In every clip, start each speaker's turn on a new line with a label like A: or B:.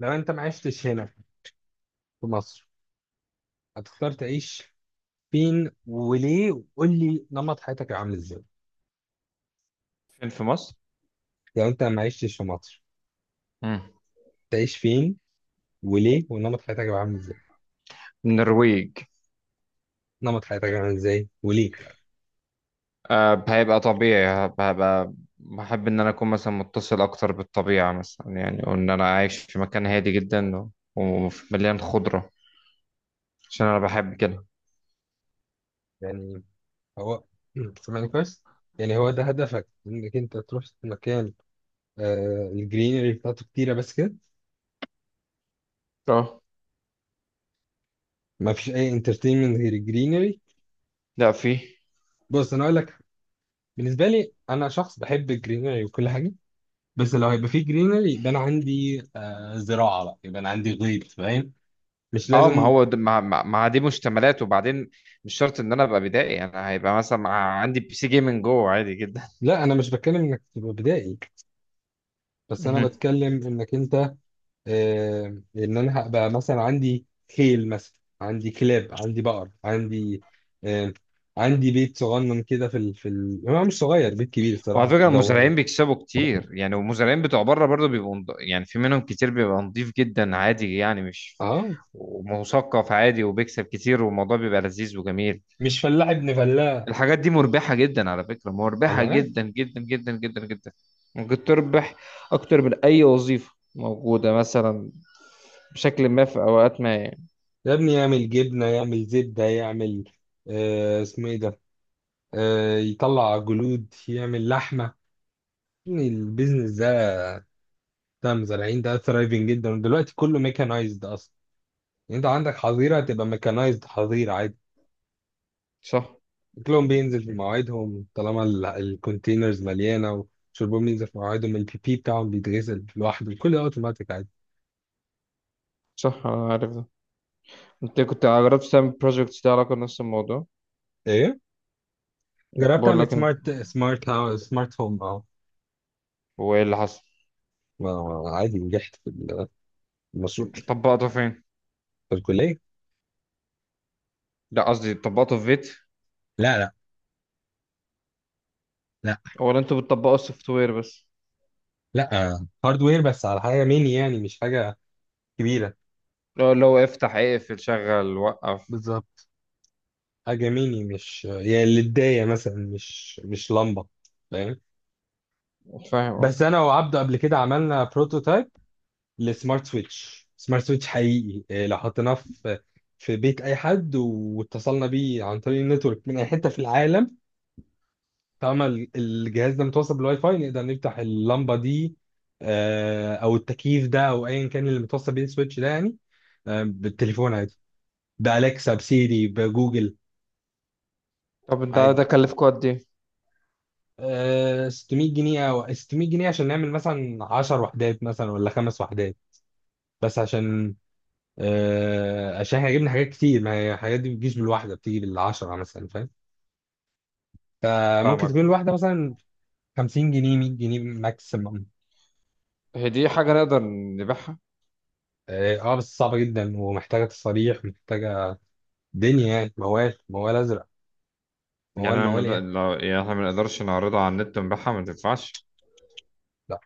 A: لو انت ما عشتش هنا في مصر، هتختار تعيش فين وليه؟ وقول لي نمط حياتك هيبقى عامل ازاي؟
B: فين في مصر؟
A: لو انت ما عشتش في مصر،
B: مم.
A: تعيش فين وليه؟ ونمط حياتك هيبقى عامل ازاي؟
B: النرويج.
A: نمط حياتك هيبقى عامل ازاي وليه؟
B: آه، هيبقى طبيعي. هبقى بحب إن أنا أكون مثلا متصل أكتر بالطبيعة مثلا يعني، وإن أنا عايش في مكان هادي جدا ومليان خضرة، عشان أنا بحب كده.
A: يعني هو سامعني كويس؟ يعني هو ده هدفك انك انت تروح مكان، الجرينري بتاعته كتيره بس كده؟
B: اه.
A: ما فيش اي انترتينمنت غير الجرينري؟
B: لا، في.
A: بص، انا اقول لك، بالنسبه لي انا شخص بحب الجرينري وكل حاجه، بس لو هيبقى فيه جرينري يبقى انا عندي زراعه بقى، يبقى انا عندي غيط، فاهم؟ مش
B: اه، ما
A: لازم.
B: هو د- ما ما ما دي مشتملات، وبعدين مش شرط ان انا ابقى بدائي، انا هيبقى مثلا عندي بي سي جيمنج جوه عادي جدا.
A: لا انا مش بتكلم انك تبقى بدائي، بس انا بتكلم انك انت آه ان انا هبقى مثلا عندي خيل مثلا، عندي كلاب، عندي بقر، عندي آه عندي بيت صغنن كده هو مش صغير، بيت كبير
B: وعلى
A: الصراحه،
B: فكرة،
A: دور.
B: المزارعين بيكسبوا كتير يعني، والمزارعين بتوع بره برضه يعني في منهم كتير بيبقى نضيف جدا عادي يعني، مش
A: اه،
B: ومثقف عادي، وبيكسب كتير، والموضوع بيبقى لذيذ وجميل.
A: مش فلاح ابن فلاح.
B: الحاجات دي مربحة جدا، على فكرة،
A: انا
B: مربحة
A: عارف.
B: جدا جدا جدا جدا جدا. ممكن تربح أكتر من أي وظيفة موجودة مثلا، بشكل ما في أوقات ما يعني.
A: يا ابني يعمل جبنه، يعمل زبده، يعمل اسمه ايه ده، يطلع جلود، يعمل لحمة. يعني البيزنس ده بتاع المزارعين ده ثرايفنج جدا، ودلوقتي كله ميكانايزد أصلا. يعني أنت عندك حظيرة، هتبقى ميكانايزد حظيرة عادي.
B: صح.
A: أكلهم بينزل في مواعيدهم طالما ال- الكونتينرز مليانة، وشربهم بينزل في مواعيدهم، البي بي بتاعهم بيتغسل لوحده، كل ده أوتوماتيك عادي.
B: صح، أنا عارف ده. أنت كنت جربت تعمل بروجكت ده علاقة بنفس الموضوع؟
A: إيه؟ جربت
B: بقول
A: أعمل
B: لك أنت.
A: سمارت هاوس، سمارت هوم. أه.
B: وإيه اللي حصل؟
A: عادي، نجحت في المشروع.
B: طبقته فين؟
A: في الكلية.
B: لا، قصدي تطبقوا في فيت؟
A: لا. لا. لا.
B: ولا انتوا بتطبقوا السوفت وير بس؟
A: لا. هاردوير بس على حاجة ميني، يعني مش حاجة كبيرة.
B: لو لو افتح اقفل شغل وقف.
A: بالظبط. حاجة ميني، مش يعني للداية مثلا، مش لمبة، فاهم؟
B: فاهم اه.
A: بس أنا وعبده قبل كده عملنا بروتوتايب لسمارت سويتش، سمارت سويتش حقيقي، إيه، لو حطيناه في بيت أي حد، واتصلنا بيه عن طريق النتورك من أي حتة في العالم، طالما ال- الجهاز ده متوصل بالواي فاي، نقدر نفتح اللمبة دي، أو التكييف ده، أو أيا كان اللي متوصل بيه السويتش ده يعني، بالتليفون عادي، بأليكسا، بسيري، بجوجل
B: طب ده
A: عادي.
B: ده كلفكوا قد ايه؟
A: 600 جنيه او 600 جنيه عشان نعمل مثلا 10 وحدات، مثلا ولا 5 وحدات، بس عشان احنا جبنا حاجات كتير، ما هي الحاجات دي بتجيش بالواحده، بتيجي بالعشره مثلا، فاهم؟ فممكن
B: فاهمك.
A: تكون الواحده مثلا 50 جنيه، 100 جنيه ماكسيمم.
B: هي دي حاجة نقدر نبيعها؟
A: اه بس صعبه جدا، ومحتاجه تصاريح، محتاجه دنيا يعني، موال موال ازرق،
B: يعني
A: موال
B: انا
A: موال ايه.
B: لو يعني احنا ما نقدرش نعرضها على النت ونبيعها ما تنفعش.
A: لا،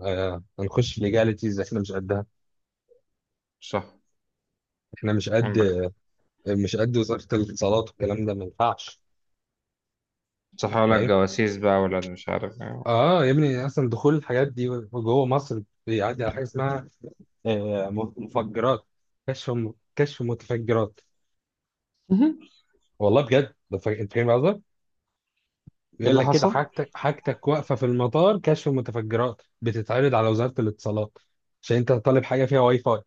A: هنخش في ليجاليتيز، احنا مش قدها.
B: صح.
A: احنا مش قد.
B: عندك.
A: وزاره الاتصالات والكلام ده ما ينفعش.
B: صح، ولا
A: فاهم.
B: الجواسيس بقى، ولا مش عارف ايه.
A: اه يا ابني، اصلا دخول الحاجات دي جوه مصر بيعدي على حاجه اسمها آه، مفجرات، كشف كشف متفجرات.
B: مهم.
A: والله بجد ده، انت فاهم قصدي؟
B: ايه
A: بيقول
B: اللي
A: لك كده،
B: حصل؟
A: حاجتك واقفه في المطار، كشف متفجرات بتتعرض على وزاره الاتصالات عشان انت طالب حاجه فيها واي فاي،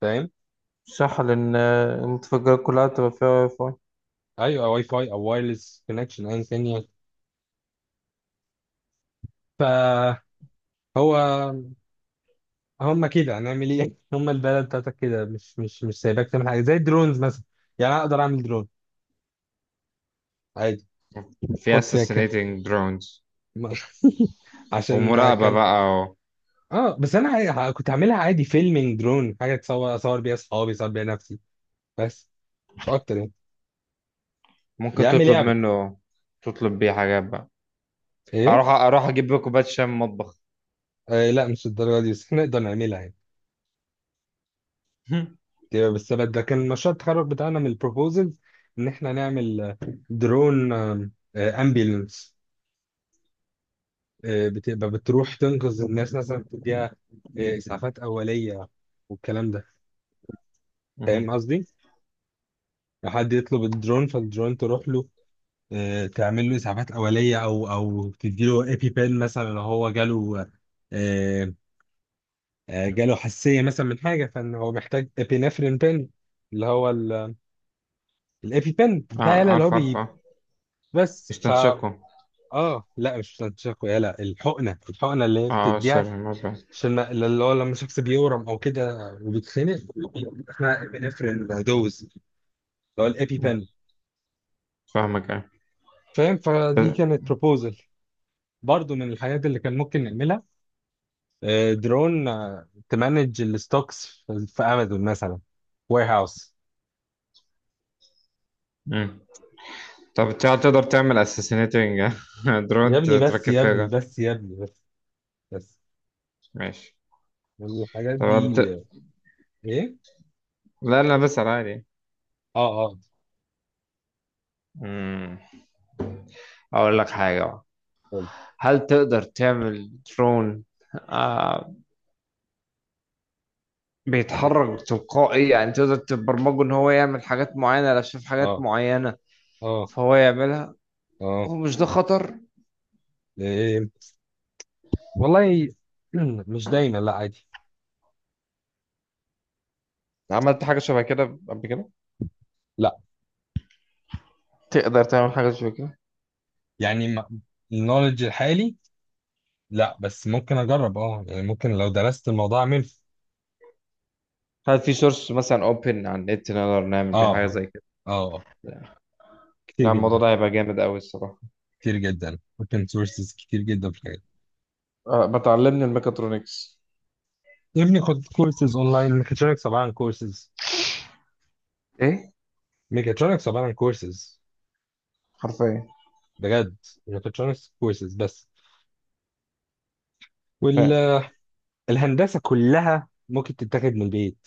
A: فاهم؟
B: صح، لأن المتفجرات كلها تبقى فيها واي فاي.
A: ايوه، واي فاي او وايرلس كونكشن ايا كان يعني. فهو، هم كده هنعمل ايه؟ هم البلد بتاعتك كده مش سايباك تعمل حاجه زي الدرونز مثلا. يعني أنا اقدر اعمل درون عادي،
B: في
A: احط فيها
B: assassinating drones.
A: ما- عشان
B: ومراقبة
A: كان،
B: بقى و-.
A: اه بس انا كنت عاملها عادي فيلمينج درون، حاجه تصور، اصور بيها اصحابي، اصور بيها نفسي، بس مش اكتر يعني. يا
B: ممكن
A: عم
B: تطلب
A: لعبه.
B: منه. تطلب بيه حاجات بقى.
A: ايه؟
B: اروح اروح اجيب كوبايه شاي من المطبخ.
A: لا، مش الدرجه دي، بس احنا نقدر نعملها يعني. ده كان مشروع التخرج بتاعنا من البروبوزلز، ان احنا نعمل درون امبيلنس، بتبقى بتروح تنقذ الناس مثلا، بتديها اسعافات اوليه والكلام ده. فاهم
B: مهم.
A: قصدي؟ لو حد يطلب الدرون فالدرون تروح له، تعمل له اسعافات اوليه، او تدي له ايبي بين مثلا، لو هو جاله آه، جاله حساسيه مثلا من حاجه، فان هو محتاج ابينفرين بين، اللي هو الايبي بين
B: اه،
A: بتاع يلا، اللي هو
B: عارف عارف
A: بي.
B: اه.
A: بس
B: يستنشقوا.
A: اه، لا، مش يلا، الحقنه اللي هي
B: اه اه،
A: بتديها،
B: سر المزرعة.
A: عشان اللي هو لما شخص بيورم او كده وبيتخنق، احنا ابينفرين دوز، اللي هو الايبي
B: مم.
A: بين،
B: فاهمك اه.
A: فاهم؟ فدي
B: ب-.
A: كانت بروبوزل، برضه من الحاجات اللي كان ممكن نعملها، درون تمانج الستوكس في امازون مثلا، وير هاوس.
B: مم. طب انت تقدر تعمل اساسينيتنج
A: يا
B: درون
A: ابني بس،
B: تركب
A: يا
B: فيها
A: ابني
B: جن.
A: بس، يا ابني بس، بس
B: ماشي.
A: الحاجات
B: طب انت.
A: دي، ايه.
B: لا لا، بسأل عادي.
A: اه، اه،
B: مم. اقول لك حاجة بقى.
A: اتفضل.
B: هل تقدر تعمل درون آه
A: إيه؟
B: بيتحرك تلقائي، يعني تقدر تبرمجه ان هو يعمل حاجات معينة لو شاف حاجات
A: اه،
B: معينة
A: اه،
B: فهو يعملها؟
A: اه.
B: ومش ده خطر؟
A: إيه؟ والله مش دايما، لا عادي.
B: عملت حاجة شبه كده قبل كده؟
A: لا
B: تقدر تعمل حاجة زي كده؟
A: يعني، النولج الحالي. لا بس ممكن اجرب، اه يعني ممكن لو درست الموضوع اعمل.
B: هل في سورس مثلا اوبن على النت نقدر نعمل
A: اه،
B: بيه حاجة
A: اه،
B: زي كده؟
A: آه، كتير
B: لا، الموضوع
A: جدا.
B: ده هيبقى جامد قوي الصراحة.
A: كتير جدا، ممكن سورسز كتير جدا في الحاجات.
B: أه، بتعلمني الميكاترونكس؟
A: يا ابني خد كورسز اونلاين، ميكاترونكس عباره عن كورسز،
B: ايه.
A: ميكاترونكس عباره عن كورسز،
B: حرفيا.
A: بجد ميكاترونكس كورسز بس.
B: فاهم.
A: والهندسه كلها ممكن تتاخد من البيت،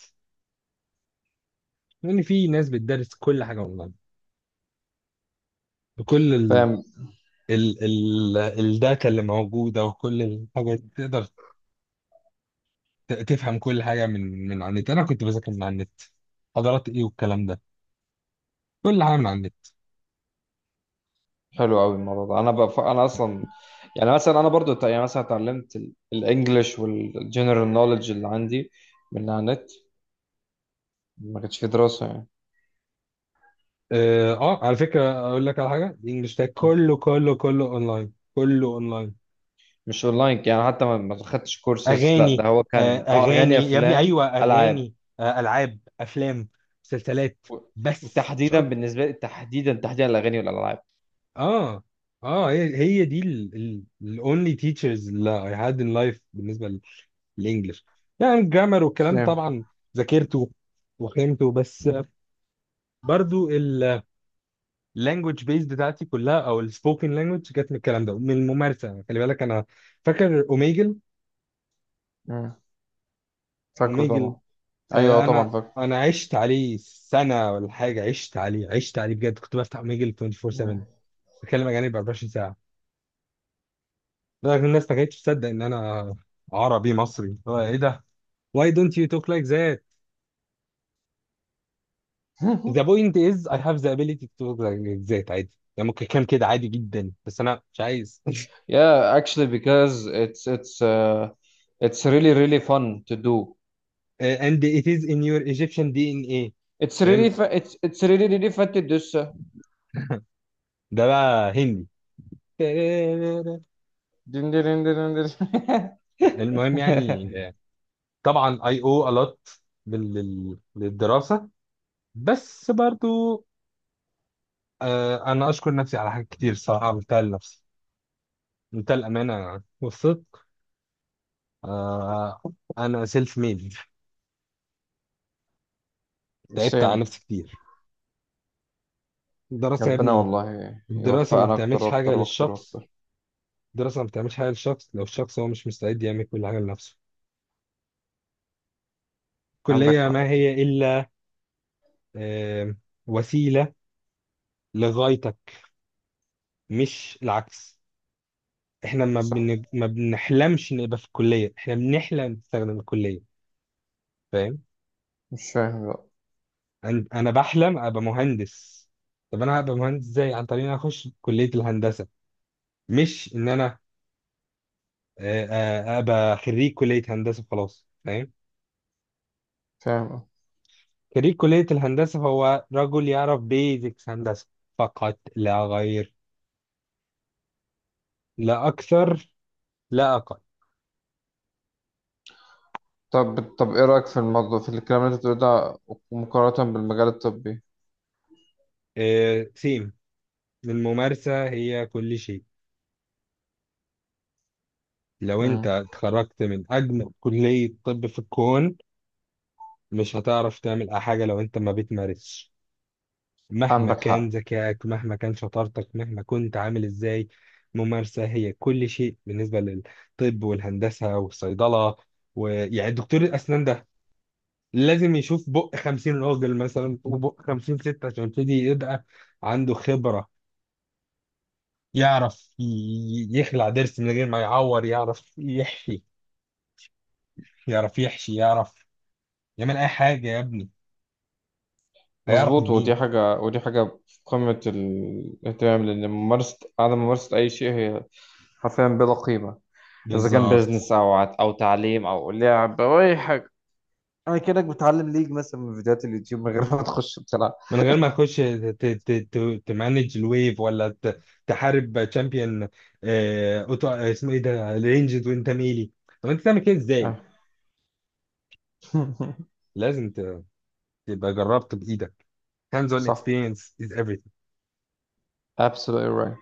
A: لان في ناس بتدرس كل حاجه اونلاين، بكل ال
B: فاهم.
A: ال ال الداتا اللي موجوده، وكل الحاجات تقدر تفهم كل حاجه من على النت. انا كنت بذاكر من على النت حضارات ايه والكلام ده، كل حاجه من على النت.
B: حلو قوي الموضوع ده. انا بف... انا اصلا يعني مثلا انا برضو يعني مثلا اتعلمت الانجليش والجنرال نوليدج اللي عندي من على النت. ما كانش في دراسة يعني.
A: اه، على فكره اقول لك على حاجه، الانجليش ده كله كله كله اونلاين، كله اونلاين.
B: مش اونلاين يعني، حتى ما خدتش كورسز. لا، ده
A: اغاني.
B: هو كان اه، اغاني
A: اغاني يا ابني،
B: افلام
A: ايوه
B: العاب
A: اغاني. العاب، افلام، مسلسلات،
B: و-.
A: بس مش
B: وتحديدا
A: اكتر.
B: بالنسبه لي، تحديدا تحديدا الاغاني والالعاب.
A: اه، اه، هي دي الاونلي تيتشرز اللي اي هاد ان لايف بالنسبه للانجلش، يعني الجرامر والكلام
B: سام.
A: طبعا ذاكرته وفهمته. بس برضو، اللانجوج بيز بتاعتي كلها او السبوكن لانجوج جت من الكلام ده، من الممارسه. خلي بالك انا فاكر اوميجل.
B: مم. فاكره
A: اوميجل،
B: طبعا. ايوه طبعا
A: انا
B: فاكره.
A: انا عشت عليه سنه ولا حاجه، عشت عليه، عشت عليه بجد. كنت بفتح ميجل 24
B: مم.
A: 7 بتكلم اجانب 24 ساعه، لكن الناس ما كانتش تصدق ان انا عربي مصري. هو ايه ده؟ Why don't you talk like that? The point is I have the ability to talk like that. عادي يعني، ممكن كان كده عادي جدا، بس انا مش عايز.
B: Yeah, actually, because it's it's really really fun to do.
A: And it is in your Egyptian DNA.
B: It's really
A: فاهم.
B: fun. It's really really fun to do so.
A: ده بقى هندي.
B: دين دين دين دين دين.
A: المهم يعني، طبعا I owe a lot للدراسه، بس برضو، انا اشكر نفسي على حاجات كتير الصراحه، عملتها لنفسي، عملتها الامانه والصدق. آه انا سيلف ميد، تعبت على
B: سام.
A: نفسي كتير. الدراسه يا
B: ربنا
A: ابني،
B: والله
A: الدراسه ما
B: يوفقنا اكتر
A: بتعملش حاجه
B: واكتر واكتر
A: للشخص،
B: واكتر.
A: الدراسه ما بتعملش حاجه للشخص لو الشخص هو مش مستعد يعمل كل حاجه لنفسه.
B: عندك
A: الكليه
B: حق.
A: ما هي الا آه وسيله لغايتك، مش العكس. احنا
B: صح.
A: ما بنحلمش نبقى في الكليه، احنا بنحلم نستخدم الكليه، فاهم؟
B: مش فاهم بقى.
A: انا بحلم ابقى مهندس. طب انا هبقى مهندس ازاي؟ عن طريق ان أنا اخش كليه الهندسه، مش ان انا ابقى خريج كليه هندسه خلاص، فاهم؟
B: فاهم.
A: خريج كليه الهندسه هو رجل يعرف بيزكس هندسه، فقط لا غير، لا اكثر، لا اقل.
B: طب طب، ايه رأيك في الموضوع، في الكلام اللي انت بتقوله ده، مقارنة بالمجال الطبي؟
A: سيم. الممارسه هي كل شيء. لو انت
B: مم.
A: اتخرجت من اجمل كليه طب في الكون، مش هتعرف تعمل اي حاجه لو انت ما بتمارسش، مهما
B: عندك
A: كان
B: حق.
A: ذكائك، مهما كان شطارتك، مهما كنت عامل ازاي. ممارسة هي كل شيء بالنسبة للطب والهندسة والصيدلة. ويعني دكتور الأسنان ده لازم يشوف بق 50 راجل مثلا، وبق 50 ست، عشان يبتدي يبقى عنده خبرة. يعرف يخلع ضرس من غير ما يعور، يعرف يحشي، يعرف يعمل أي حاجة، يا ابني هيعرف
B: مظبوط،
A: منين؟
B: ودي حاجة، ودي حاجة في قمة الاهتمام، لأن ممارسة، عدم ممارسة أي شيء هي حرفيا بلا قيمة. إذا كان
A: بالظبط.
B: بيزنس، أو أو تعليم، أو لعب، أو أي حاجة. أنا كأنك بتعلم ليج مثلا من فيديوهات اليوتيوب من غير ما تخش بتلعب.
A: من غير ما تخش تمانج الويف، ولا تحارب تشامبيون، اوتو، اسمه ايه ده، رينجز وانت ميلي. طب انت تعمل كده ازاي؟
B: آه.
A: لازم تبقى جربت بايدك. Hands on
B: صح.
A: experience is everything.
B: absolutely right.